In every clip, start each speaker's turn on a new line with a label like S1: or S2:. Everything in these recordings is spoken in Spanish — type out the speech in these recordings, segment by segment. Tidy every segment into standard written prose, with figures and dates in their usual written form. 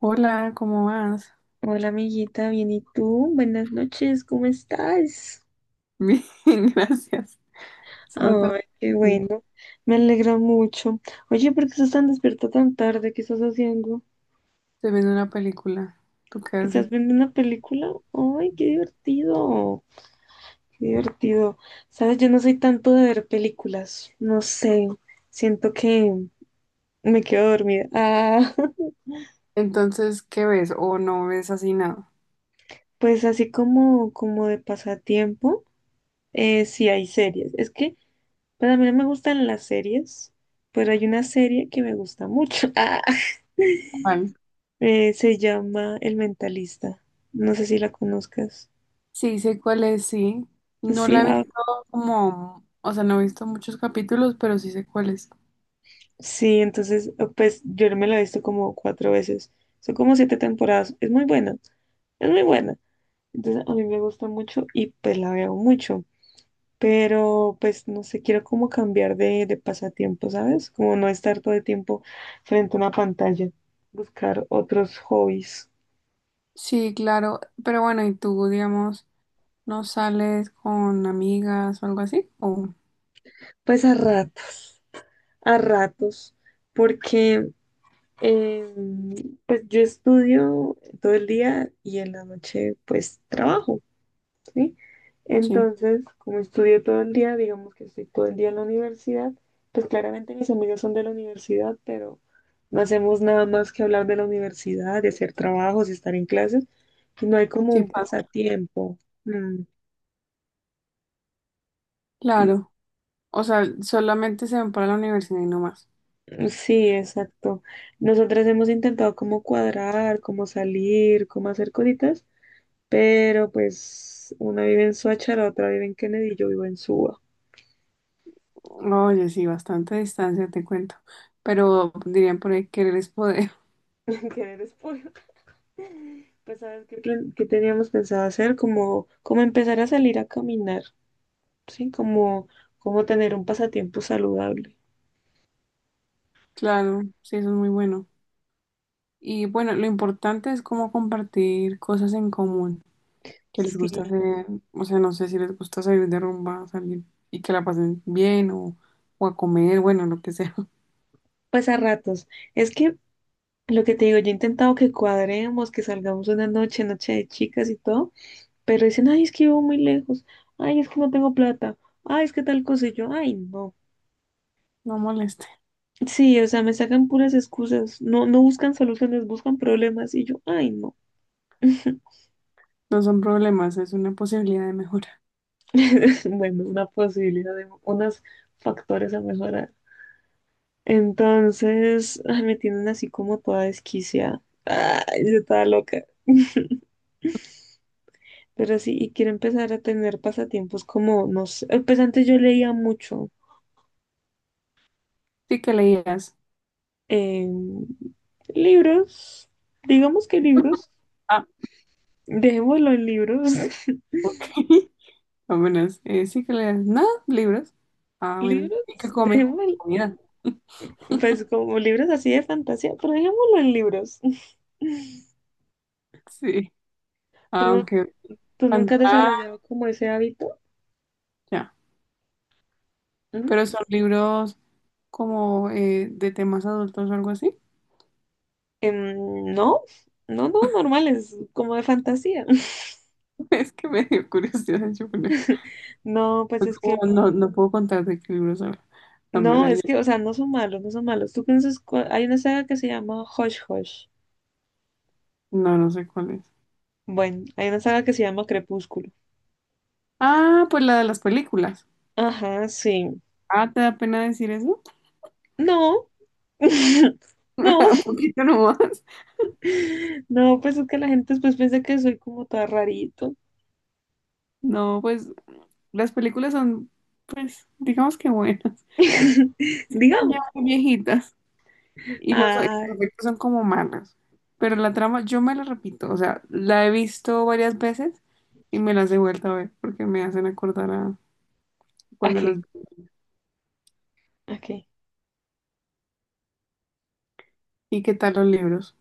S1: Hola, ¿cómo vas?
S2: Hola amiguita, bien, ¿y tú? Buenas noches, ¿cómo estás?
S1: Bien, gracias. Se trata
S2: Ay,
S1: de
S2: qué
S1: ti.
S2: bueno, me alegra mucho. Oye, ¿por qué estás tan despierta tan tarde? ¿Qué estás haciendo?
S1: Estoy viendo una película. ¿Tú qué
S2: ¿Estás
S1: haces?
S2: viendo una película? Ay, qué divertido, qué divertido. Sabes, yo no soy tanto de ver películas, no sé, siento que me quedo dormida. Ah,
S1: Entonces, ¿qué ves? ¿O no ves así nada?
S2: pues así como, como de pasatiempo, sí hay series. Es que pues a mí no me gustan las series, pero hay una serie que me gusta mucho. Ah,
S1: ¿Cuál?
S2: se llama El Mentalista. No sé si la conozcas.
S1: Sí, sé cuál es, sí. No
S2: Sí,
S1: la he
S2: ah,
S1: visto como, o sea, no he visto muchos capítulos, pero sí sé cuál es.
S2: sí, entonces, pues yo me la he visto como cuatro veces. Son como siete temporadas. Es muy buena, es muy buena. Entonces a mí me gusta mucho y pues la veo mucho. Pero pues no sé, quiero como cambiar de pasatiempo, ¿sabes? Como no estar todo el tiempo frente a una pantalla. Buscar otros hobbies.
S1: Sí, claro. Pero bueno, ¿y tú, digamos, no sales con amigas o algo así? ¿O
S2: Pues a ratos, a ratos, porque eh, pues yo estudio todo el día y en la noche pues trabajo, ¿sí?
S1: sí?
S2: Entonces, como estudio todo el día, digamos que estoy todo el día en la universidad, pues claramente mis amigos son de la universidad, pero no hacemos nada más que hablar de la universidad, de hacer trabajos, de estar en clases, y no hay como
S1: Sí,
S2: un pasatiempo. Mm,
S1: claro. O sea, solamente se van para la universidad y no más.
S2: Sí, exacto. Nosotras hemos intentado como cuadrar, como salir, como hacer cositas, pero pues una vive en Soacha, la otra vive en Kennedy y yo vivo en Suba.
S1: No, oye, sí, bastante distancia, te cuento. Pero dirían por ahí, querer es poder.
S2: En Kennedy es Puebla. Pues sabes qué, qué teníamos pensado hacer, como, como empezar a salir a caminar, ¿sí? Como, como tener un pasatiempo saludable.
S1: Claro, sí, eso es muy bueno. Y bueno, lo importante es cómo compartir cosas en común, que les
S2: Sí,
S1: gusta hacer, o sea, no sé si les gusta salir de rumba, salir y que la pasen bien o a comer, bueno, lo que sea.
S2: pues a ratos. Es que lo que te digo, yo he intentado que cuadremos, que salgamos una noche, noche de chicas y todo. Pero dicen, ay, es que vivo muy lejos, ay, es que no tengo plata, ay, es que tal cosa, y yo, ay, no.
S1: No moleste,
S2: Sí, o sea, me sacan puras excusas, no, no buscan soluciones, buscan problemas, y yo, ay, no.
S1: no son problemas, es una posibilidad de mejora.
S2: Bueno, una posibilidad de unos factores a mejorar. Entonces, ay, me tienen así como toda desquiciada. Ay, yo estaba loca. Pero sí, y quiero empezar a tener pasatiempos como, no sé, pues antes yo leía mucho,
S1: Sí que leías.
S2: eh, libros, digamos que libros.
S1: Ah,
S2: Dejémoslo en libros.
S1: apenas. Sí que leías. No, libros. Ah, bueno.
S2: Libros,
S1: ¿Y qué comen?
S2: dejémoslo,
S1: Comida.
S2: pues como libros así de fantasía, pero dejémoslo en libros.
S1: Sí.
S2: ¿Tú,
S1: Ah,
S2: no-
S1: ok,
S2: tú nunca has
S1: pantalla,
S2: desarrollado como ese hábito? ¿Mm?
S1: pero son libros como de temas adultos o algo así.
S2: No, no, normales, como de fantasía.
S1: Es que me dio curiosidad. Yo no,
S2: No, pues es
S1: puedo
S2: que,
S1: no puedo contar de qué libros habla. La
S2: no,
S1: verdad,
S2: es
S1: yo...
S2: que, o sea, no son malos, no son malos. ¿Tú conoces hay una saga que se llama Hush Hush.
S1: No, no sé cuál es.
S2: Bueno, hay una saga que se llama Crepúsculo.
S1: Ah, pues la de las películas.
S2: Ajá, sí.
S1: Ah, ¿te da pena decir eso?
S2: No, no.
S1: Un poquito nomás.
S2: No, pues es que la gente después piensa que soy como toda rarito.
S1: No, pues las películas son, pues, digamos que buenas. Son ya
S2: Digamos.
S1: muy viejitas. Y los
S2: Ay,
S1: efectos son como malos. Pero la trama, yo me la repito, o sea, la he visto varias veces y me las he vuelto a ver porque me hacen acordar a cuando los
S2: ok,
S1: vi.
S2: ok.
S1: ¿Y qué tal los libros?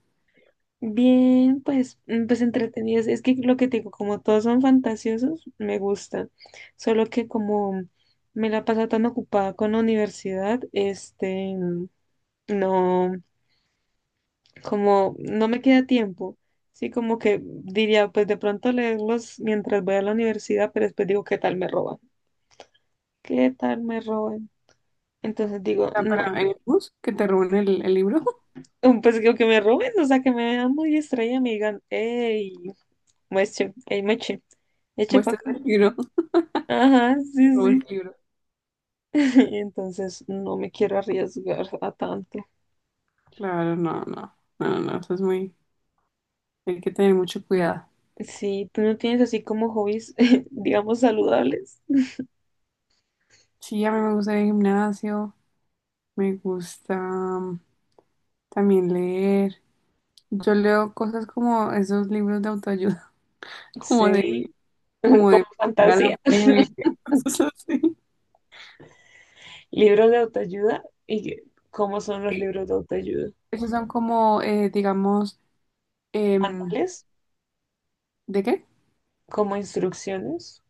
S2: Bien, pues, mm, pues entretenidos. Es que lo que te digo, como todos son fantasiosos, me gusta. Solo que como me la paso tan ocupada con la universidad, este, no, como no me queda tiempo. Sí, como que diría, pues de pronto leerlos mientras voy a la universidad, pero después digo, ¿qué tal me roban? ¿Qué tal me roban? Entonces digo,
S1: Ah, para
S2: no,
S1: en el bus, que te roben el libro,
S2: un pescado que me roben, o sea, que me vean muy extraña me digan, hey, mueche, hey, meche, eche para
S1: muestras
S2: acá.
S1: el libro, te
S2: Ajá, sí,
S1: robas
S2: sí.
S1: el libro.
S2: Entonces no me quiero arriesgar a tanto.
S1: Claro, no, no, no, no, eso es muy, hay que tener mucho cuidado.
S2: Sí, tú no tienes así como hobbies, digamos, saludables.
S1: Sí, a mí me gusta ir al gimnasio, me gusta también leer. Yo leo cosas como esos libros de autoayuda, como de
S2: Sí,
S1: como de
S2: como
S1: mira la
S2: fantasía.
S1: fe, cosas así.
S2: Libros de autoayuda. ¿Y cómo son los
S1: Sí.
S2: libros de autoayuda?
S1: Esos son como, digamos, em,
S2: ¿Manuales?
S1: ¿de qué?
S2: ¿Como instrucciones?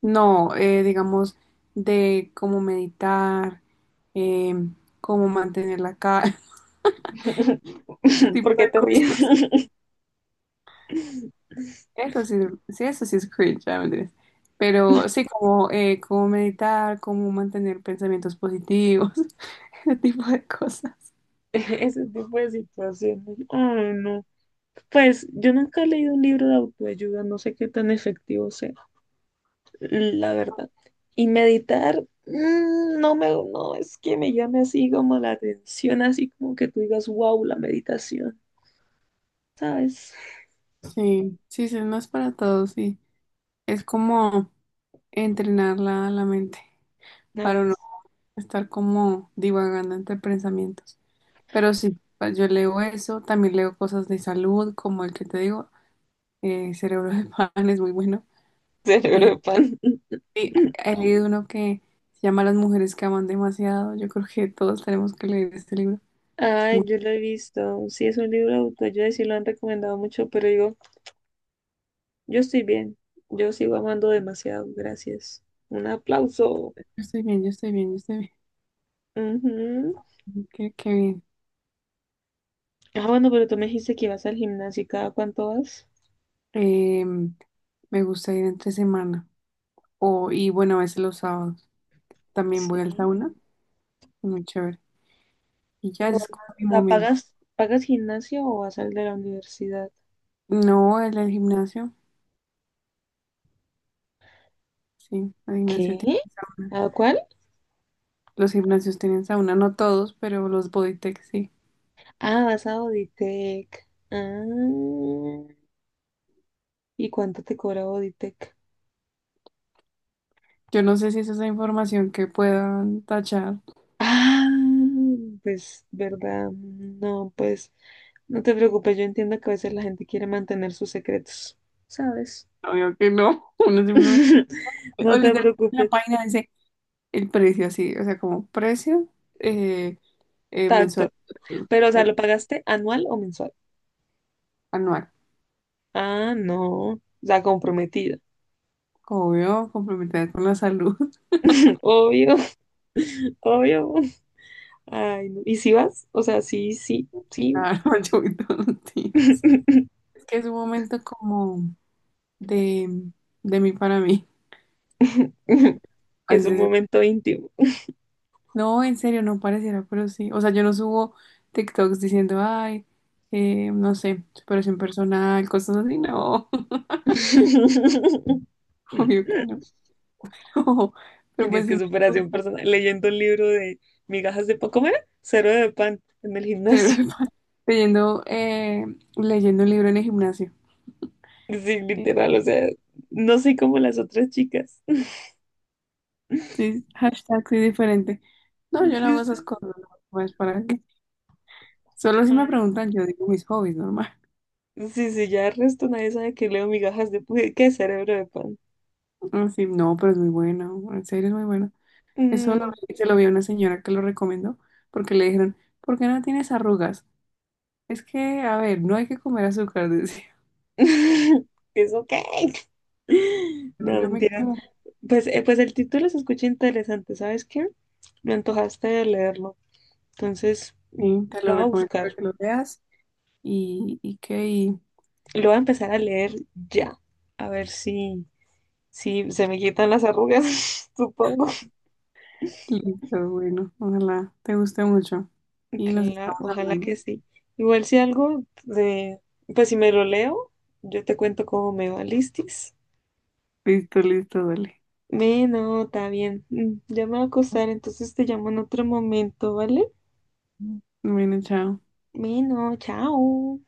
S1: No, digamos, de cómo meditar, em, cómo mantener la cara, ese
S2: ¿Por
S1: tipo
S2: qué
S1: de
S2: te
S1: cosas.
S2: ríes?
S1: Eso sí, sí, eso sí es cringe, ya mentiras. Pero sí, como cómo meditar, cómo mantener pensamientos positivos, ese tipo de cosas.
S2: Ese tipo de situaciones. Ay, no. Pues yo nunca he leído un libro de autoayuda, no sé qué tan efectivo sea, la verdad. Y meditar, mm, no es que me llame así como la atención, así como que tú digas, wow, la meditación, ¿sabes?
S1: Sí, sí, sí, no es para todos, sí. Es como entrenar la, la mente para
S2: Ay,
S1: uno estar como divagando entre pensamientos. Pero sí, pues, yo leo eso, también leo cosas de salud, como el que te digo, Cerebro de Pan es muy bueno.
S2: cerebro
S1: Eh,
S2: de pan.
S1: y he leído uno que se llama Las mujeres que aman demasiado. Yo creo que todos tenemos que leer este libro. Es
S2: Ay,
S1: bueno.
S2: yo lo he visto. Sí, es un libro de autoayuda y sí lo han recomendado mucho, pero digo, yo estoy bien. Yo sigo amando demasiado, gracias. Un aplauso.
S1: Yo estoy bien, yo estoy bien, yo estoy
S2: Ujú.
S1: bien. Qué, qué bien.
S2: Ah, bueno, pero tú me dijiste que ibas al gimnasio. ¿Y cada cuánto vas?
S1: Eh, me gusta ir entre semana. O, y bueno, a veces los sábados también voy al
S2: Sí.
S1: sauna. Muy chévere. Y ya
S2: Pero,
S1: ese es como mi
S2: o sea,
S1: momento.
S2: pagas gimnasio o vas al de la universidad?
S1: No, el del gimnasio. Sí, el gimnasio tiene
S2: ¿Qué?
S1: sauna.
S2: ¿A cuál?
S1: Los gimnasios tienen sauna, no todos, pero los Bodytech sí.
S2: Ah, vas a Auditec. Ah, ¿y cuánto te cobra Auditec?
S1: Yo no sé si es esa información que puedan tachar.
S2: Ah, pues, ¿verdad? No, pues, no te preocupes. Yo entiendo que a veces la gente quiere mantener sus secretos, ¿sabes?
S1: Obvio que no, uno simplemente. O
S2: No te
S1: literalmente en la
S2: preocupes
S1: página dice el precio así, o sea, como precio eh,
S2: tanto.
S1: mensual,
S2: Pero, o sea,
S1: eh,
S2: ¿lo pagaste anual o mensual?
S1: anual.
S2: Ah, no. La comprometida.
S1: Obvio, complementar con la salud.
S2: Obvio, obvio. Ay, no. ¿Y si vas? O sea, sí, sí, sí.
S1: Claro, yo voy todos los días. Es que es un momento como de, de mí para mí.
S2: Es
S1: Así
S2: un
S1: es.
S2: momento íntimo.
S1: No, en serio, no pareciera, pero sí. O sea, yo no subo TikToks diciendo, ay, no sé, superación personal, cosas así. No, obvio que no. Pero
S2: Dices
S1: pues sí
S2: que
S1: me
S2: superación
S1: gusta.
S2: personal. Leyendo un libro de migajas de pan. ¿Cómo era? Cero de pan en el gimnasio.
S1: De Leyendo, leyendo un libro en el gimnasio.
S2: Sí,
S1: Eh,
S2: literal. O sea, no soy como las otras chicas.
S1: Sí, hashtag sí diferente. No, yo no
S2: Sí,
S1: hago
S2: sí,
S1: esas
S2: sí.
S1: cosas. No, pues para qué. Solo si me
S2: Ay,
S1: preguntan, yo digo mis hobbies, normal.
S2: sí, sí, ya el resto nadie sabe que leo migajas de pan. ¿Qué cerebro de pan?
S1: Mm, sí no, pero es muy bueno. En serio, es muy bueno. Eso lo,
S2: Mm,
S1: se lo vi a una señora que lo recomendó porque le dijeron, ¿por qué no tienes arrugas? Es que, a ver, no hay que comer azúcar, decía.
S2: es ok.
S1: Yo,
S2: No,
S1: yo me
S2: mentira.
S1: quedo.
S2: Pues, pues el título se escucha interesante, ¿sabes qué? Me antojaste de leerlo. Entonces, mm,
S1: Sí, te lo
S2: lo voy a
S1: recomiendo para
S2: buscar.
S1: que lo veas. Y que y
S2: Lo voy a empezar a leer ya. A ver si, si se me quitan las arrugas, supongo.
S1: listo, bueno, ojalá te guste mucho. Y nos
S2: Claro,
S1: estamos
S2: ojalá
S1: hablando.
S2: que sí. Igual si algo de, pues si me lo leo, yo te cuento cómo me va, ¿listis?
S1: Listo, listo, dale.
S2: Me, no, está bien. Mm, ya me va a acostar, entonces te llamo en otro momento, ¿vale?
S1: Bueno, chao.
S2: Bueno, chao.